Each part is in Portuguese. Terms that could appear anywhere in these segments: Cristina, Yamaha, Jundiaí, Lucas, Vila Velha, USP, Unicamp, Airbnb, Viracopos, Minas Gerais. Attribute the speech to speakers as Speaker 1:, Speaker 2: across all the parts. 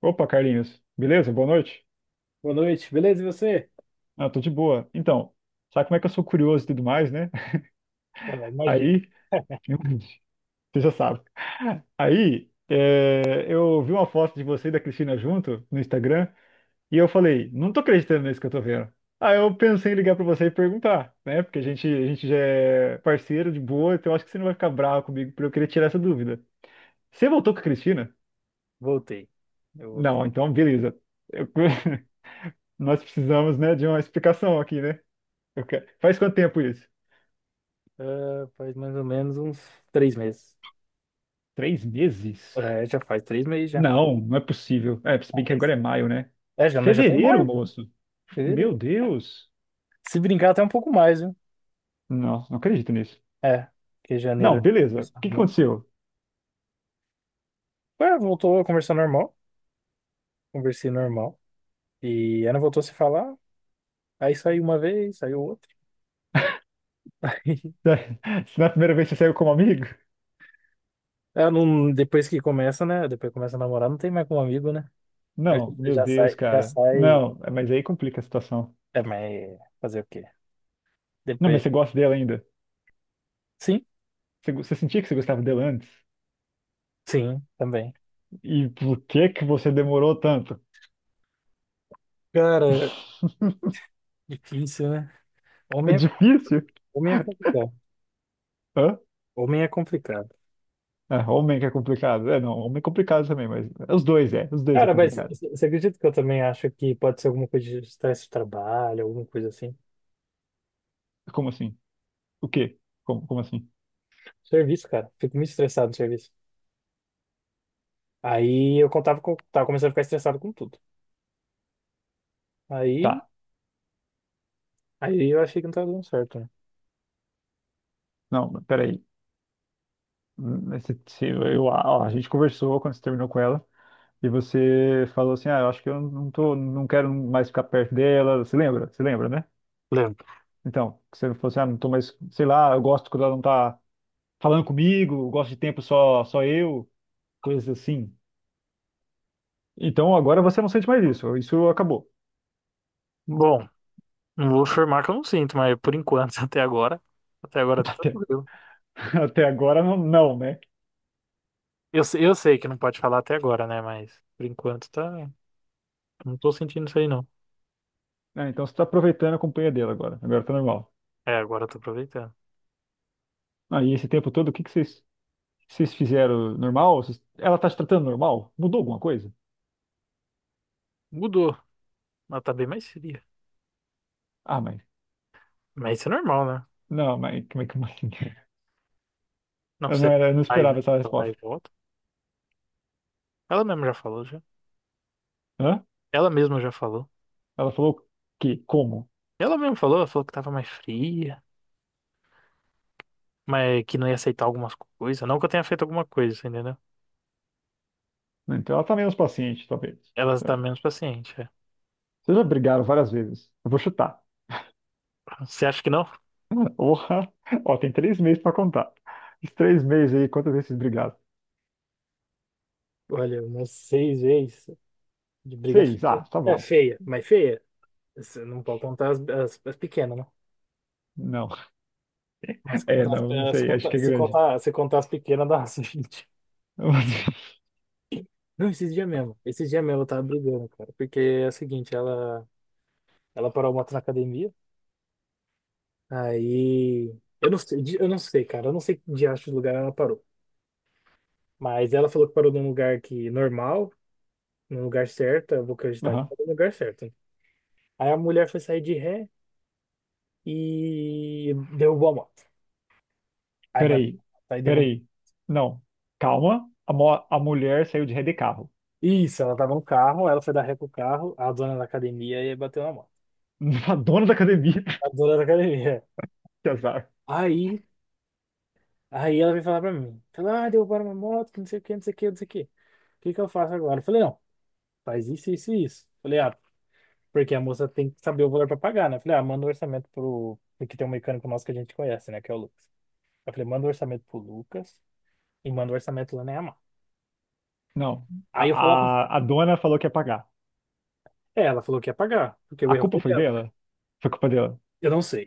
Speaker 1: Opa, Carlinhos. Beleza? Boa noite.
Speaker 2: Boa noite, beleza? E você?
Speaker 1: Ah, tô de boa. Então, sabe como é que eu sou curioso e tudo mais, né?
Speaker 2: Ah, imagina,
Speaker 1: Aí, você já sabe. Aí, é, eu vi uma foto de você e da Cristina junto no Instagram e eu falei, não tô acreditando nisso que eu tô vendo. Aí eu pensei em ligar pra você e perguntar, né? Porque a gente já é parceiro de boa, então eu acho que você não vai ficar bravo comigo por eu querer tirar essa dúvida. Você voltou com a Cristina?
Speaker 2: voltei. Eu voltei.
Speaker 1: Não, então beleza. Eu- Nós precisamos, né, de uma explicação aqui, né? Eu quero- Faz quanto tempo isso?
Speaker 2: Ah, faz mais ou menos uns 3 meses.
Speaker 1: Três meses?
Speaker 2: É, já faz 3 meses já.
Speaker 1: Não, não é possível. É, se bem que
Speaker 2: Faz.
Speaker 1: agora é maio, né?
Speaker 2: É, já, nós já tá em
Speaker 1: Fevereiro,
Speaker 2: maio.
Speaker 1: moço? Meu
Speaker 2: Fevereiro.
Speaker 1: Deus!
Speaker 2: Se brincar até um pouco mais, viu?
Speaker 1: Não, não acredito nisso.
Speaker 2: É, porque
Speaker 1: Não,
Speaker 2: janeiro.
Speaker 1: beleza. O que que aconteceu?
Speaker 2: Ué, voltou a conversar normal. Conversei normal. E ela voltou a se falar. Aí saiu uma vez, saiu outra.
Speaker 1: Se na primeira vez você saiu como amigo?
Speaker 2: Ela não, depois que começa, né? Depois que começa a namorar, não tem mais como amigo, né? Aí
Speaker 1: Não,
Speaker 2: você
Speaker 1: meu
Speaker 2: já
Speaker 1: Deus,
Speaker 2: sai, já
Speaker 1: cara.
Speaker 2: sai.
Speaker 1: Não, é, mas aí complica a situação.
Speaker 2: É, mas fazer o quê?
Speaker 1: Não, mas
Speaker 2: Depois.
Speaker 1: você gosta dela ainda?
Speaker 2: Sim.
Speaker 1: Você sentia que você gostava dela antes?
Speaker 2: Sim, também.
Speaker 1: E por que que você demorou tanto?
Speaker 2: Cara, difícil, né?
Speaker 1: É
Speaker 2: Homem é,
Speaker 1: difícil?
Speaker 2: homem é complicado.
Speaker 1: Hã?
Speaker 2: Homem é complicado.
Speaker 1: É, homem que é complicado. É, não, homem é complicado também, mas é os dois é, os dois é
Speaker 2: Cara, mas
Speaker 1: complicado.
Speaker 2: você acredita que eu também acho que pode ser alguma coisa de estresse de trabalho, alguma coisa assim?
Speaker 1: Como assim? O quê? Como assim?
Speaker 2: Serviço, cara. Fico muito estressado no serviço. Aí eu contava com, tava começando a ficar estressado com tudo. Aí,
Speaker 1: Tá.
Speaker 2: aí, eu achei que não tava dando certo, né?
Speaker 1: Não, mas peraí. Mas você- Eu, ó, a gente conversou quando você terminou com ela e você falou assim: ah, eu acho que eu não tô, não quero mais ficar perto dela. Você lembra? Você lembra, né?
Speaker 2: Lembro.
Speaker 1: Então, que você falou assim: ah, não tô mais, sei lá, eu gosto quando ela não tá falando comigo, eu gosto de tempo só, só eu, coisas assim. Então agora você não sente mais isso, isso acabou.
Speaker 2: Bom, não vou afirmar que eu não sinto, mas por enquanto, até agora, até agora tá
Speaker 1: Até,
Speaker 2: tranquilo.
Speaker 1: até agora não, não, né?
Speaker 2: Eu sei que não pode falar até agora, né? Mas por enquanto tá. Não tô sentindo isso aí, não.
Speaker 1: Ah, então você tá aproveitando a companhia dela agora, agora tá normal.
Speaker 2: É, agora eu tô aproveitando.
Speaker 1: Aí esse tempo todo, o que que vocês. Vocês fizeram normal? Vocês- Ela tá te tratando normal? Mudou alguma coisa?
Speaker 2: Mudou. Ela tá bem mais fria.
Speaker 1: Ah, mas.
Speaker 2: Mas isso é normal, né?
Speaker 1: Não, mas como é que como assim?
Speaker 2: Não
Speaker 1: Eu não,
Speaker 2: ser
Speaker 1: era, eu não
Speaker 2: vai
Speaker 1: esperava essa
Speaker 2: vai
Speaker 1: resposta.
Speaker 2: e volta. Ela mesma já falou, já.
Speaker 1: Hã?
Speaker 2: Ela mesma já falou.
Speaker 1: Ela falou que? Como?
Speaker 2: Ela mesma falou, ela falou que tava mais fria, mas que não ia aceitar algumas coisas. Não que eu tenha feito alguma coisa, você entendeu?
Speaker 1: Então ela tá menos paciente, talvez.
Speaker 2: Ela tá
Speaker 1: Então,
Speaker 2: menos paciente, é.
Speaker 1: vocês já brigaram várias vezes. Eu vou chutar.
Speaker 2: Você acha que não?
Speaker 1: Porra! Ó, tem três meses pra contar. Os três meses aí, quantas vezes vocês brigaram?
Speaker 2: Olha, umas 6 vezes de briga
Speaker 1: Seis. Ah,
Speaker 2: feia.
Speaker 1: tá
Speaker 2: É
Speaker 1: bom.
Speaker 2: feia, mas feia. Você não pode contar as pequenas, né?
Speaker 1: Não.
Speaker 2: Mas
Speaker 1: É,
Speaker 2: contar, as-
Speaker 1: não, não
Speaker 2: as-
Speaker 1: sei. Acho que
Speaker 2: conta-
Speaker 1: é
Speaker 2: se
Speaker 1: grande.
Speaker 2: contar, se contar as pequenas, dá umas 20. Não, esses dias mesmo. Esses dias mesmo eu tava brigando, cara. Porque é o seguinte, ela parou a moto na academia. Aí. Eu não sei, cara. Eu não sei que diacho de lugar ela parou. Mas ela falou que parou num lugar que normal, num lugar certo. Eu vou acreditar que
Speaker 1: Aham.
Speaker 2: parou no lugar certo, né? Aí a mulher foi sair de ré e derrubou a moto. Aí bateu,
Speaker 1: Peraí.
Speaker 2: aí derrubou.
Speaker 1: Peraí. Não. Calma. A mulher saiu de ré de carro.
Speaker 2: Isso, ela tava no carro, ela foi dar ré pro carro, a dona da academia e bateu na moto.
Speaker 1: A dona da academia,
Speaker 2: A dona da academia.
Speaker 1: que azar.
Speaker 2: Aí Aí, ela veio falar pra mim. Falou, ah, derrubaram uma moto, que não sei o que, não sei o que, não sei o que. O que que eu faço agora? Eu falei, não, faz isso, isso e isso. Falei, ah, porque a moça tem que saber o valor pra pagar, né? Falei, ah, manda o orçamento pro... Porque tem um mecânico nosso que a gente conhece, né? Que é o Lucas. Eu falei, manda o orçamento pro Lucas e manda o orçamento lá na Yamaha.
Speaker 1: Não,
Speaker 2: Aí eu falava,
Speaker 1: a dona falou que ia pagar.
Speaker 2: é, ela falou que ia pagar, porque o
Speaker 1: A
Speaker 2: erro
Speaker 1: culpa
Speaker 2: foi
Speaker 1: foi
Speaker 2: dela.
Speaker 1: dela? Foi culpa dela.
Speaker 2: Eu não sei.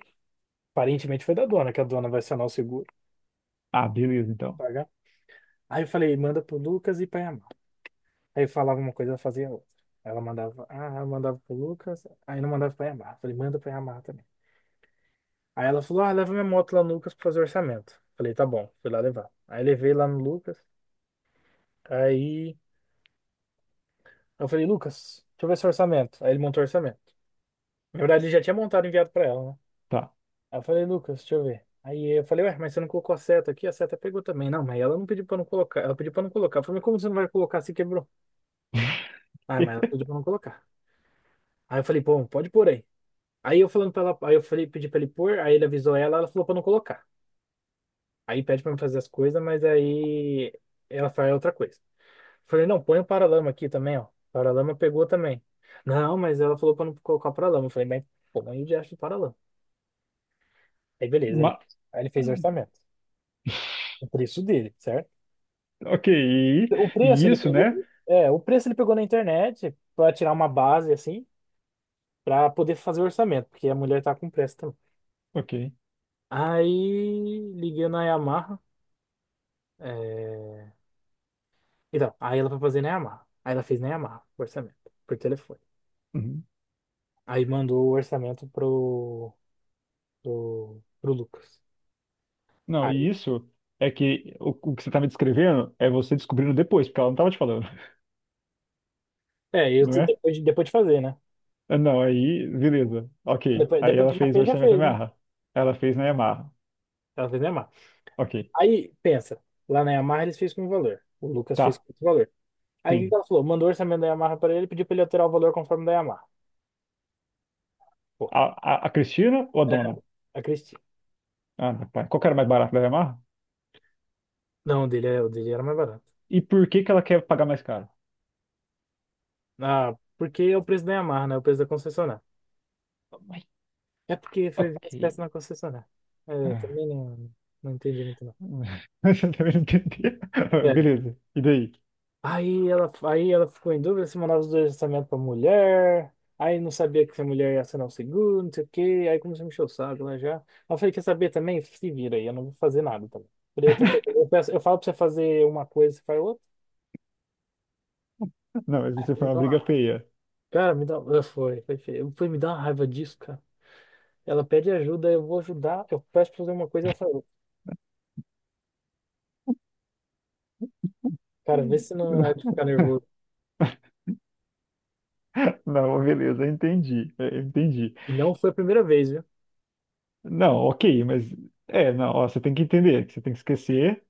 Speaker 2: Aparentemente foi da dona, que a dona vai acionar o seguro
Speaker 1: Ah, beleza,
Speaker 2: pra
Speaker 1: então.
Speaker 2: pagar. Aí eu falei, manda pro Lucas e pra Yamaha. Aí eu falava uma coisa, ela fazia outra. Ela mandava, ah, eu mandava pro Lucas, aí não mandava pra Yamaha. Falei, manda pra Yamaha também. Aí ela falou, ah, leva minha moto lá no Lucas pra fazer orçamento. Falei, tá bom, fui lá levar. Aí levei lá no Lucas, aí eu falei, Lucas, deixa eu ver seu orçamento. Aí ele montou o orçamento. Na verdade, ele já tinha montado e enviado pra ela, né?
Speaker 1: Tá.
Speaker 2: Aí eu falei, Lucas, deixa eu ver. Aí eu falei, ué, mas você não colocou a seta aqui? A seta pegou também. Não, mas ela não pediu pra não colocar. Ela pediu pra não colocar. Eu falei, mas como você não vai colocar se quebrou? Ah, mas ela pediu pra não colocar. Aí eu falei, bom, pode pôr aí. Aí eu falando pra ela, aí eu falei, pedi pra ele pôr, aí ele avisou ela, ela falou pra não colocar. Aí pede pra eu fazer as coisas, mas aí ela faz outra coisa. Falei, não, põe o paralama aqui também, ó. O paralama pegou também. Não, mas ela falou pra não colocar o paralama. Eu falei, mas põe o diacho do paralama. Aí beleza, ele,
Speaker 1: Ma-
Speaker 2: aí ele fez o orçamento. O preço dele, certo?
Speaker 1: Ok, e,
Speaker 2: O
Speaker 1: e
Speaker 2: preço ele
Speaker 1: isso,
Speaker 2: pegou,
Speaker 1: né?
Speaker 2: é, o preço ele pegou na internet pra tirar uma base assim, pra poder fazer o orçamento, porque a mulher tá com pressa também.
Speaker 1: Ok.
Speaker 2: Aí liguei na Yamaha. é, Então, aí ela foi fazer nem amarra. Aí ela fez nem amarra, o orçamento, por telefone.
Speaker 1: Uhum.
Speaker 2: Aí mandou o orçamento pro Lucas.
Speaker 1: Não,
Speaker 2: Aí,
Speaker 1: e isso é que o que você tá me descrevendo é você descobrindo depois, porque ela não tava te falando,
Speaker 2: é, eu,
Speaker 1: não é?
Speaker 2: depois, depois de fazer, né?
Speaker 1: Ah, não, aí, beleza, ok.
Speaker 2: Depois,
Speaker 1: Aí
Speaker 2: depois
Speaker 1: ela
Speaker 2: que
Speaker 1: fez o
Speaker 2: já
Speaker 1: orçamento da
Speaker 2: fez, né?
Speaker 1: Yamaha. Ela fez na Yamaha.
Speaker 2: Ela fez nem amarra.
Speaker 1: Ok,
Speaker 2: Aí, pensa, lá na Yamaha eles fez com o valor. O Lucas fez
Speaker 1: tá,
Speaker 2: com outro valor. Aí o que que
Speaker 1: sim.
Speaker 2: ela falou? Mandou o orçamento da Yamaha pra ele, pediu pra ele alterar o valor conforme da Yamaha. Pô,
Speaker 1: A, a Cristina ou a
Speaker 2: é,
Speaker 1: dona?
Speaker 2: a Cristina.
Speaker 1: Ah, meu pai. Qual que era mais barato da Yamaha?
Speaker 2: Não, o dele, o dele era mais barato.
Speaker 1: E por que que ela quer pagar mais caro?
Speaker 2: Ah, porque é o preço da Yamaha, né? O preço da concessionária.
Speaker 1: Mas,
Speaker 2: É porque foi ver
Speaker 1: ok.
Speaker 2: as peças na concessionária. É, eu
Speaker 1: Ah.
Speaker 2: também não, não entendi muito, não.
Speaker 1: Você também não entendeu.
Speaker 2: É.
Speaker 1: Beleza. E daí?
Speaker 2: Aí ela ficou em dúvida se mandava os dois orçamentos pra mulher. Aí não sabia que se a mulher ia assinar o seguro, não sei o quê. Aí começou a me encher o saco lá já. Aí eu falei, quer saber também? Se vira aí, eu não vou fazer nada também. Falei, eu, tento, eu, peço- eu falo pra você fazer uma coisa, você faz outra.
Speaker 1: Não, mas isso foi
Speaker 2: Me
Speaker 1: uma
Speaker 2: dá
Speaker 1: briga
Speaker 2: uma-
Speaker 1: feia.
Speaker 2: cara, me dá. Ah, foi, foi feio. Foi me dar uma raiva disso, cara. Ela pede ajuda, eu vou ajudar. Eu peço pra fazer uma coisa, ela fala outra. Cara, vê
Speaker 1: Hum.
Speaker 2: se não é de ficar nervoso.
Speaker 1: Não, beleza, entendi. Entendi.
Speaker 2: E não foi a primeira vez, viu?
Speaker 1: Não, ok, mas. É, não, ó, você tem que entender, que você tem que esquecer.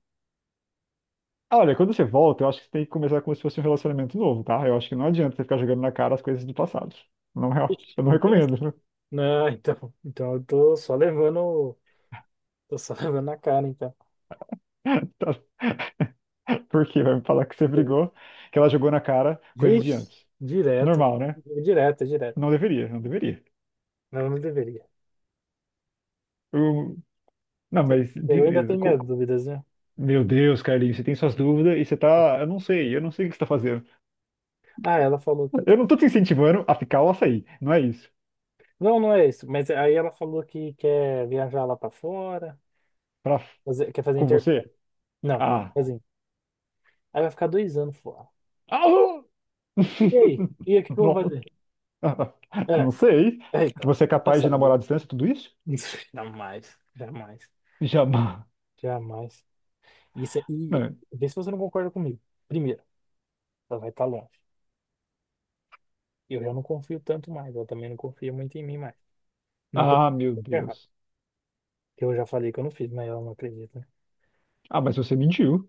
Speaker 1: Olha, quando você volta, eu acho que você tem que começar como se fosse um relacionamento novo, tá? Eu acho que não adianta você ficar jogando na cara as coisas do passado. Não é,
Speaker 2: Ixi,
Speaker 1: eu não
Speaker 2: então,
Speaker 1: recomendo.
Speaker 2: não, então eu tô só levando, tô só levando na cara, então.
Speaker 1: Tá- Por quê? Vai me falar que você
Speaker 2: Eu-
Speaker 1: brigou, que ela jogou na cara coisas de
Speaker 2: vixe,
Speaker 1: antes.
Speaker 2: direto,
Speaker 1: Normal, né?
Speaker 2: direto, direto.
Speaker 1: Não deveria, não deveria.
Speaker 2: Não, não deveria.
Speaker 1: Eu- Não, mas
Speaker 2: Eu ainda
Speaker 1: beleza.
Speaker 2: tenho minhas
Speaker 1: Co-
Speaker 2: dúvidas, né?
Speaker 1: Meu Deus, Carlinhos, você tem suas dúvidas e você tá. Eu não sei o que você tá fazendo.
Speaker 2: Ah, ela falou que quer.
Speaker 1: Eu não tô te incentivando a ficar ou a sair, não é isso.
Speaker 2: Não, não é isso, mas aí ela falou que quer viajar lá pra fora,
Speaker 1: Pra...
Speaker 2: quer fazer
Speaker 1: Com
Speaker 2: intercâmbio.
Speaker 1: você?
Speaker 2: Não,
Speaker 1: Ah.
Speaker 2: assim, aí vai ficar 2 anos fora.
Speaker 1: Alô!
Speaker 2: E aí? E aí, o que que eu vou
Speaker 1: Nossa.
Speaker 2: fazer? É,
Speaker 1: Não sei.
Speaker 2: é então,
Speaker 1: Você é
Speaker 2: já
Speaker 1: capaz de
Speaker 2: sabe.
Speaker 1: namorar à distância, tudo isso?
Speaker 2: Jamais, jamais,
Speaker 1: Jamais.
Speaker 2: jamais. Isso é, e
Speaker 1: É.
Speaker 2: vê se você não concorda comigo. Primeiro, ela vai estar longe. Eu já não confio tanto mais. Ela também não confia muito em mim mais. Não que eu
Speaker 1: Ah, meu
Speaker 2: esteja errado.
Speaker 1: Deus.
Speaker 2: Eu já falei que eu não fiz, mas ela não acredita, né?
Speaker 1: Ah, mas você mentiu.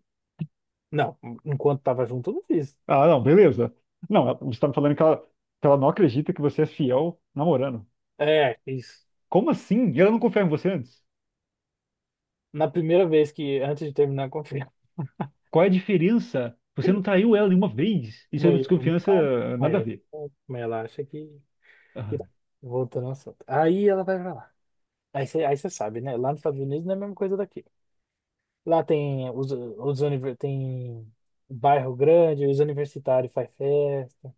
Speaker 2: Não, enquanto tava junto, eu não fiz.
Speaker 1: Ah, não, beleza. Não, ela- você tá me falando que ela não acredita que você é fiel namorando.
Speaker 2: É, isso.
Speaker 1: Como assim? E ela não confiava em você antes?
Speaker 2: Na primeira vez que, antes de terminar, confia.
Speaker 1: Qual é a diferença? Você não traiu ela nenhuma vez. Isso é
Speaker 2: Mas
Speaker 1: uma
Speaker 2: ela não
Speaker 1: desconfiança,
Speaker 2: sabe. Mas
Speaker 1: nada a
Speaker 2: ela,
Speaker 1: ver.
Speaker 2: mas ela acha que.
Speaker 1: Ah,
Speaker 2: Voltando ao assunto. Aí ela vai pra lá. Aí você sabe, né? Lá nos Estados Unidos não é a mesma coisa daqui. Lá tem bairro grande, os universitários faz festa.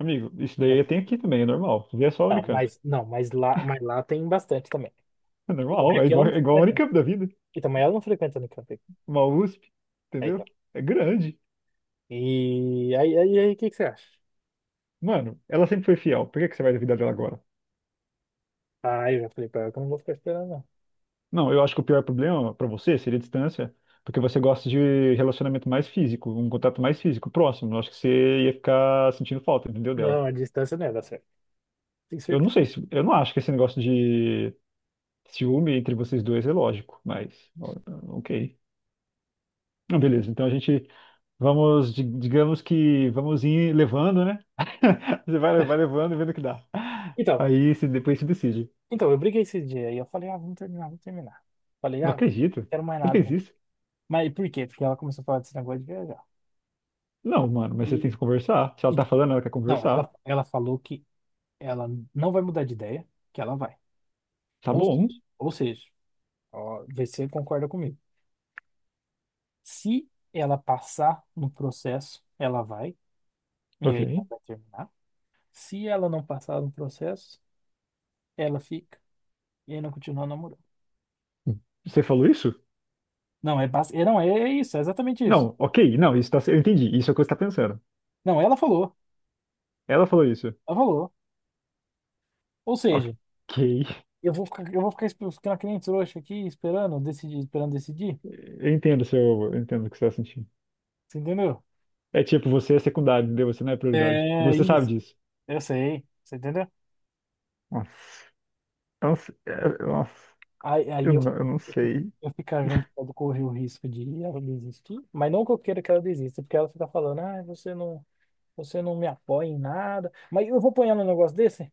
Speaker 1: amigo, isso daí tem aqui também, é normal. Isso daí é só a
Speaker 2: Ah,
Speaker 1: Unicamp.
Speaker 2: mas não, mas lá tem bastante também.
Speaker 1: É
Speaker 2: E como
Speaker 1: normal,
Speaker 2: é que ela não
Speaker 1: é igual a
Speaker 2: frequenta?
Speaker 1: Unicamp da vida.
Speaker 2: E também ela não frequenta Unicamp.
Speaker 1: Uma USP,
Speaker 2: Aí,
Speaker 1: entendeu?
Speaker 2: tá.
Speaker 1: É grande.
Speaker 2: E aí, o que que você acha?
Speaker 1: Mano, ela sempre foi fiel. Por que que você vai duvidar dela agora?
Speaker 2: Ah, eu já falei pra ela que eu não vou ficar esperando, não.
Speaker 1: Não, eu acho que o pior problema para você seria a distância, porque você gosta de relacionamento mais físico, um contato mais físico, próximo. Eu acho que você ia ficar sentindo falta, entendeu, dela.
Speaker 2: Não, a distância não ia dar certo. Tenho
Speaker 1: Eu não
Speaker 2: certeza.
Speaker 1: sei, se, eu não acho que esse negócio de ciúme entre vocês dois é lógico, mas ó, ok. Não, beleza, então a gente vamos, di- digamos que vamos ir levando, né? Você vai, vai levando e vendo o que dá.
Speaker 2: Então,
Speaker 1: Aí se depois se decide.
Speaker 2: então, eu briguei esse dia aí eu falei, ah, vamos terminar, vamos terminar. Falei,
Speaker 1: Não
Speaker 2: ah, não
Speaker 1: acredito.
Speaker 2: quero mais
Speaker 1: Você
Speaker 2: nada,
Speaker 1: fez
Speaker 2: não.
Speaker 1: isso?
Speaker 2: Mas por quê? Porque ela começou a falar desse negócio de viajar, né?
Speaker 1: Não, mano, mas você tem
Speaker 2: E,
Speaker 1: que conversar. Se ela tá
Speaker 2: então,
Speaker 1: falando, ela quer
Speaker 2: não, ela,
Speaker 1: conversar.
Speaker 2: ela falou que ela não vai mudar de ideia, que ela vai.
Speaker 1: Tá
Speaker 2: Ou
Speaker 1: bom.
Speaker 2: seja, ou seja, ó, vê se você concorda comigo. Se ela passar no processo, ela vai, e
Speaker 1: Ok.
Speaker 2: aí ela vai terminar. Se ela não passar no processo, ela fica, e aí não continua namorando.
Speaker 1: Você falou isso?
Speaker 2: Não, é, é, não, é, é isso, é exatamente isso.
Speaker 1: Não, ok, não, isso tá, cer- eu entendi, isso é o que você tá pensando.
Speaker 2: Não, ela falou,
Speaker 1: Ela falou isso.
Speaker 2: ela falou. Ou
Speaker 1: Ok.
Speaker 2: seja, eu vou ficar esp- ficando que nem trouxa aqui, esperando decidir, esperando decidir.
Speaker 1: Eu entendo o seu, eu entendo o que você tá sentindo.
Speaker 2: Você entendeu?
Speaker 1: É tipo, você é secundário, entendeu? Você não é prioridade. E
Speaker 2: É
Speaker 1: você sabe
Speaker 2: isso,
Speaker 1: disso.
Speaker 2: eu sei. Você entendeu?
Speaker 1: Nossa, eu não sei. Nossa,
Speaker 2: Aí,
Speaker 1: eu
Speaker 2: aí eu,
Speaker 1: não, eu não
Speaker 2: eu fi-
Speaker 1: sei.
Speaker 2: eu ficar junto com ela, correr o risco de ela desistir, mas não que eu queira que ela desista, porque ela fica falando, ah, você não me apoia em nada, mas eu vou apoiar num negócio desse?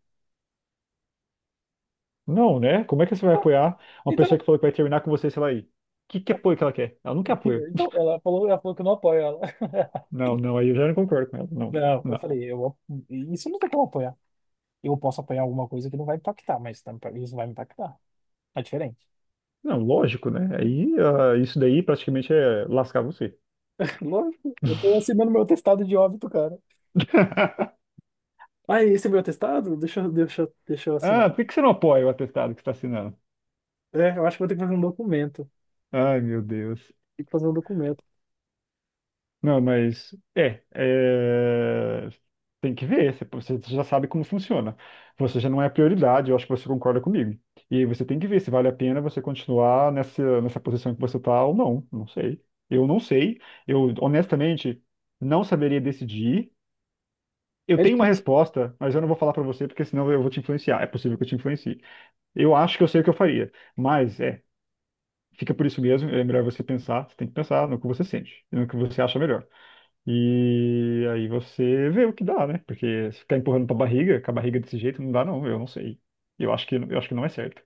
Speaker 1: Não, né? Como é que você vai
Speaker 2: Tá,
Speaker 1: apoiar uma pessoa
Speaker 2: então,
Speaker 1: que falou que vai terminar com você, sei lá aí? Que apoio que ela quer? Ela não quer apoio.
Speaker 2: então ela falou que eu não apoio ela.
Speaker 1: Não, não, aí eu já não concordo com ela. Não,
Speaker 2: Não, eu
Speaker 1: não.
Speaker 2: falei, eu, isso não tem como apoiar. Eu posso apoiar alguma coisa que não vai impactar, mas isso vai me impactar. É diferente.
Speaker 1: Não, lógico, né? Aí ah, isso daí praticamente é lascar você.
Speaker 2: Lógico, eu tô assinando meu testado de óbito, cara. Ah, esse é meu testado? Deixa eu assinar.
Speaker 1: Ah, por que que você não apoia o atestado que você está assinando?
Speaker 2: É, eu acho que vou ter que fazer um documento.
Speaker 1: Ai, meu Deus.
Speaker 2: Tem que fazer um documento.
Speaker 1: Não, mas tem que ver. Você já sabe como funciona. Você já não é prioridade. Eu acho que você concorda comigo. E aí você tem que ver se vale a pena você continuar nessa posição que você está ou não. Não sei. Eu não sei. Eu honestamente não saberia decidir. Eu
Speaker 2: É
Speaker 1: tenho uma
Speaker 2: difícil.
Speaker 1: resposta, mas eu não vou falar para você porque senão eu vou te influenciar. É possível que eu te influencie. Eu acho que eu sei o que eu faria, mas é. Fica por isso mesmo. É melhor você pensar, você tem que pensar no que você sente, e no que você acha melhor. E aí você vê o que dá, né? Porque se ficar empurrando pra barriga, com a barriga desse jeito, não dá, não. Eu não sei. Eu acho que não é certo.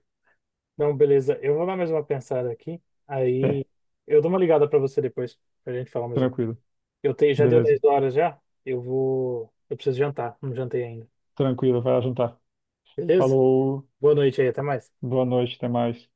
Speaker 2: Não, beleza. Eu vou dar mais uma pensada aqui. Aí
Speaker 1: É,
Speaker 2: eu dou uma ligada pra você depois, pra gente falar mais um pouco.
Speaker 1: tranquilo.
Speaker 2: Eu tenho, já deu
Speaker 1: Beleza.
Speaker 2: 10 horas já. Eu vou, eu preciso jantar. Não jantei ainda.
Speaker 1: Tranquilo, vai lá jantar.
Speaker 2: Beleza?
Speaker 1: Falou,
Speaker 2: Boa noite aí, até mais.
Speaker 1: boa noite, até mais.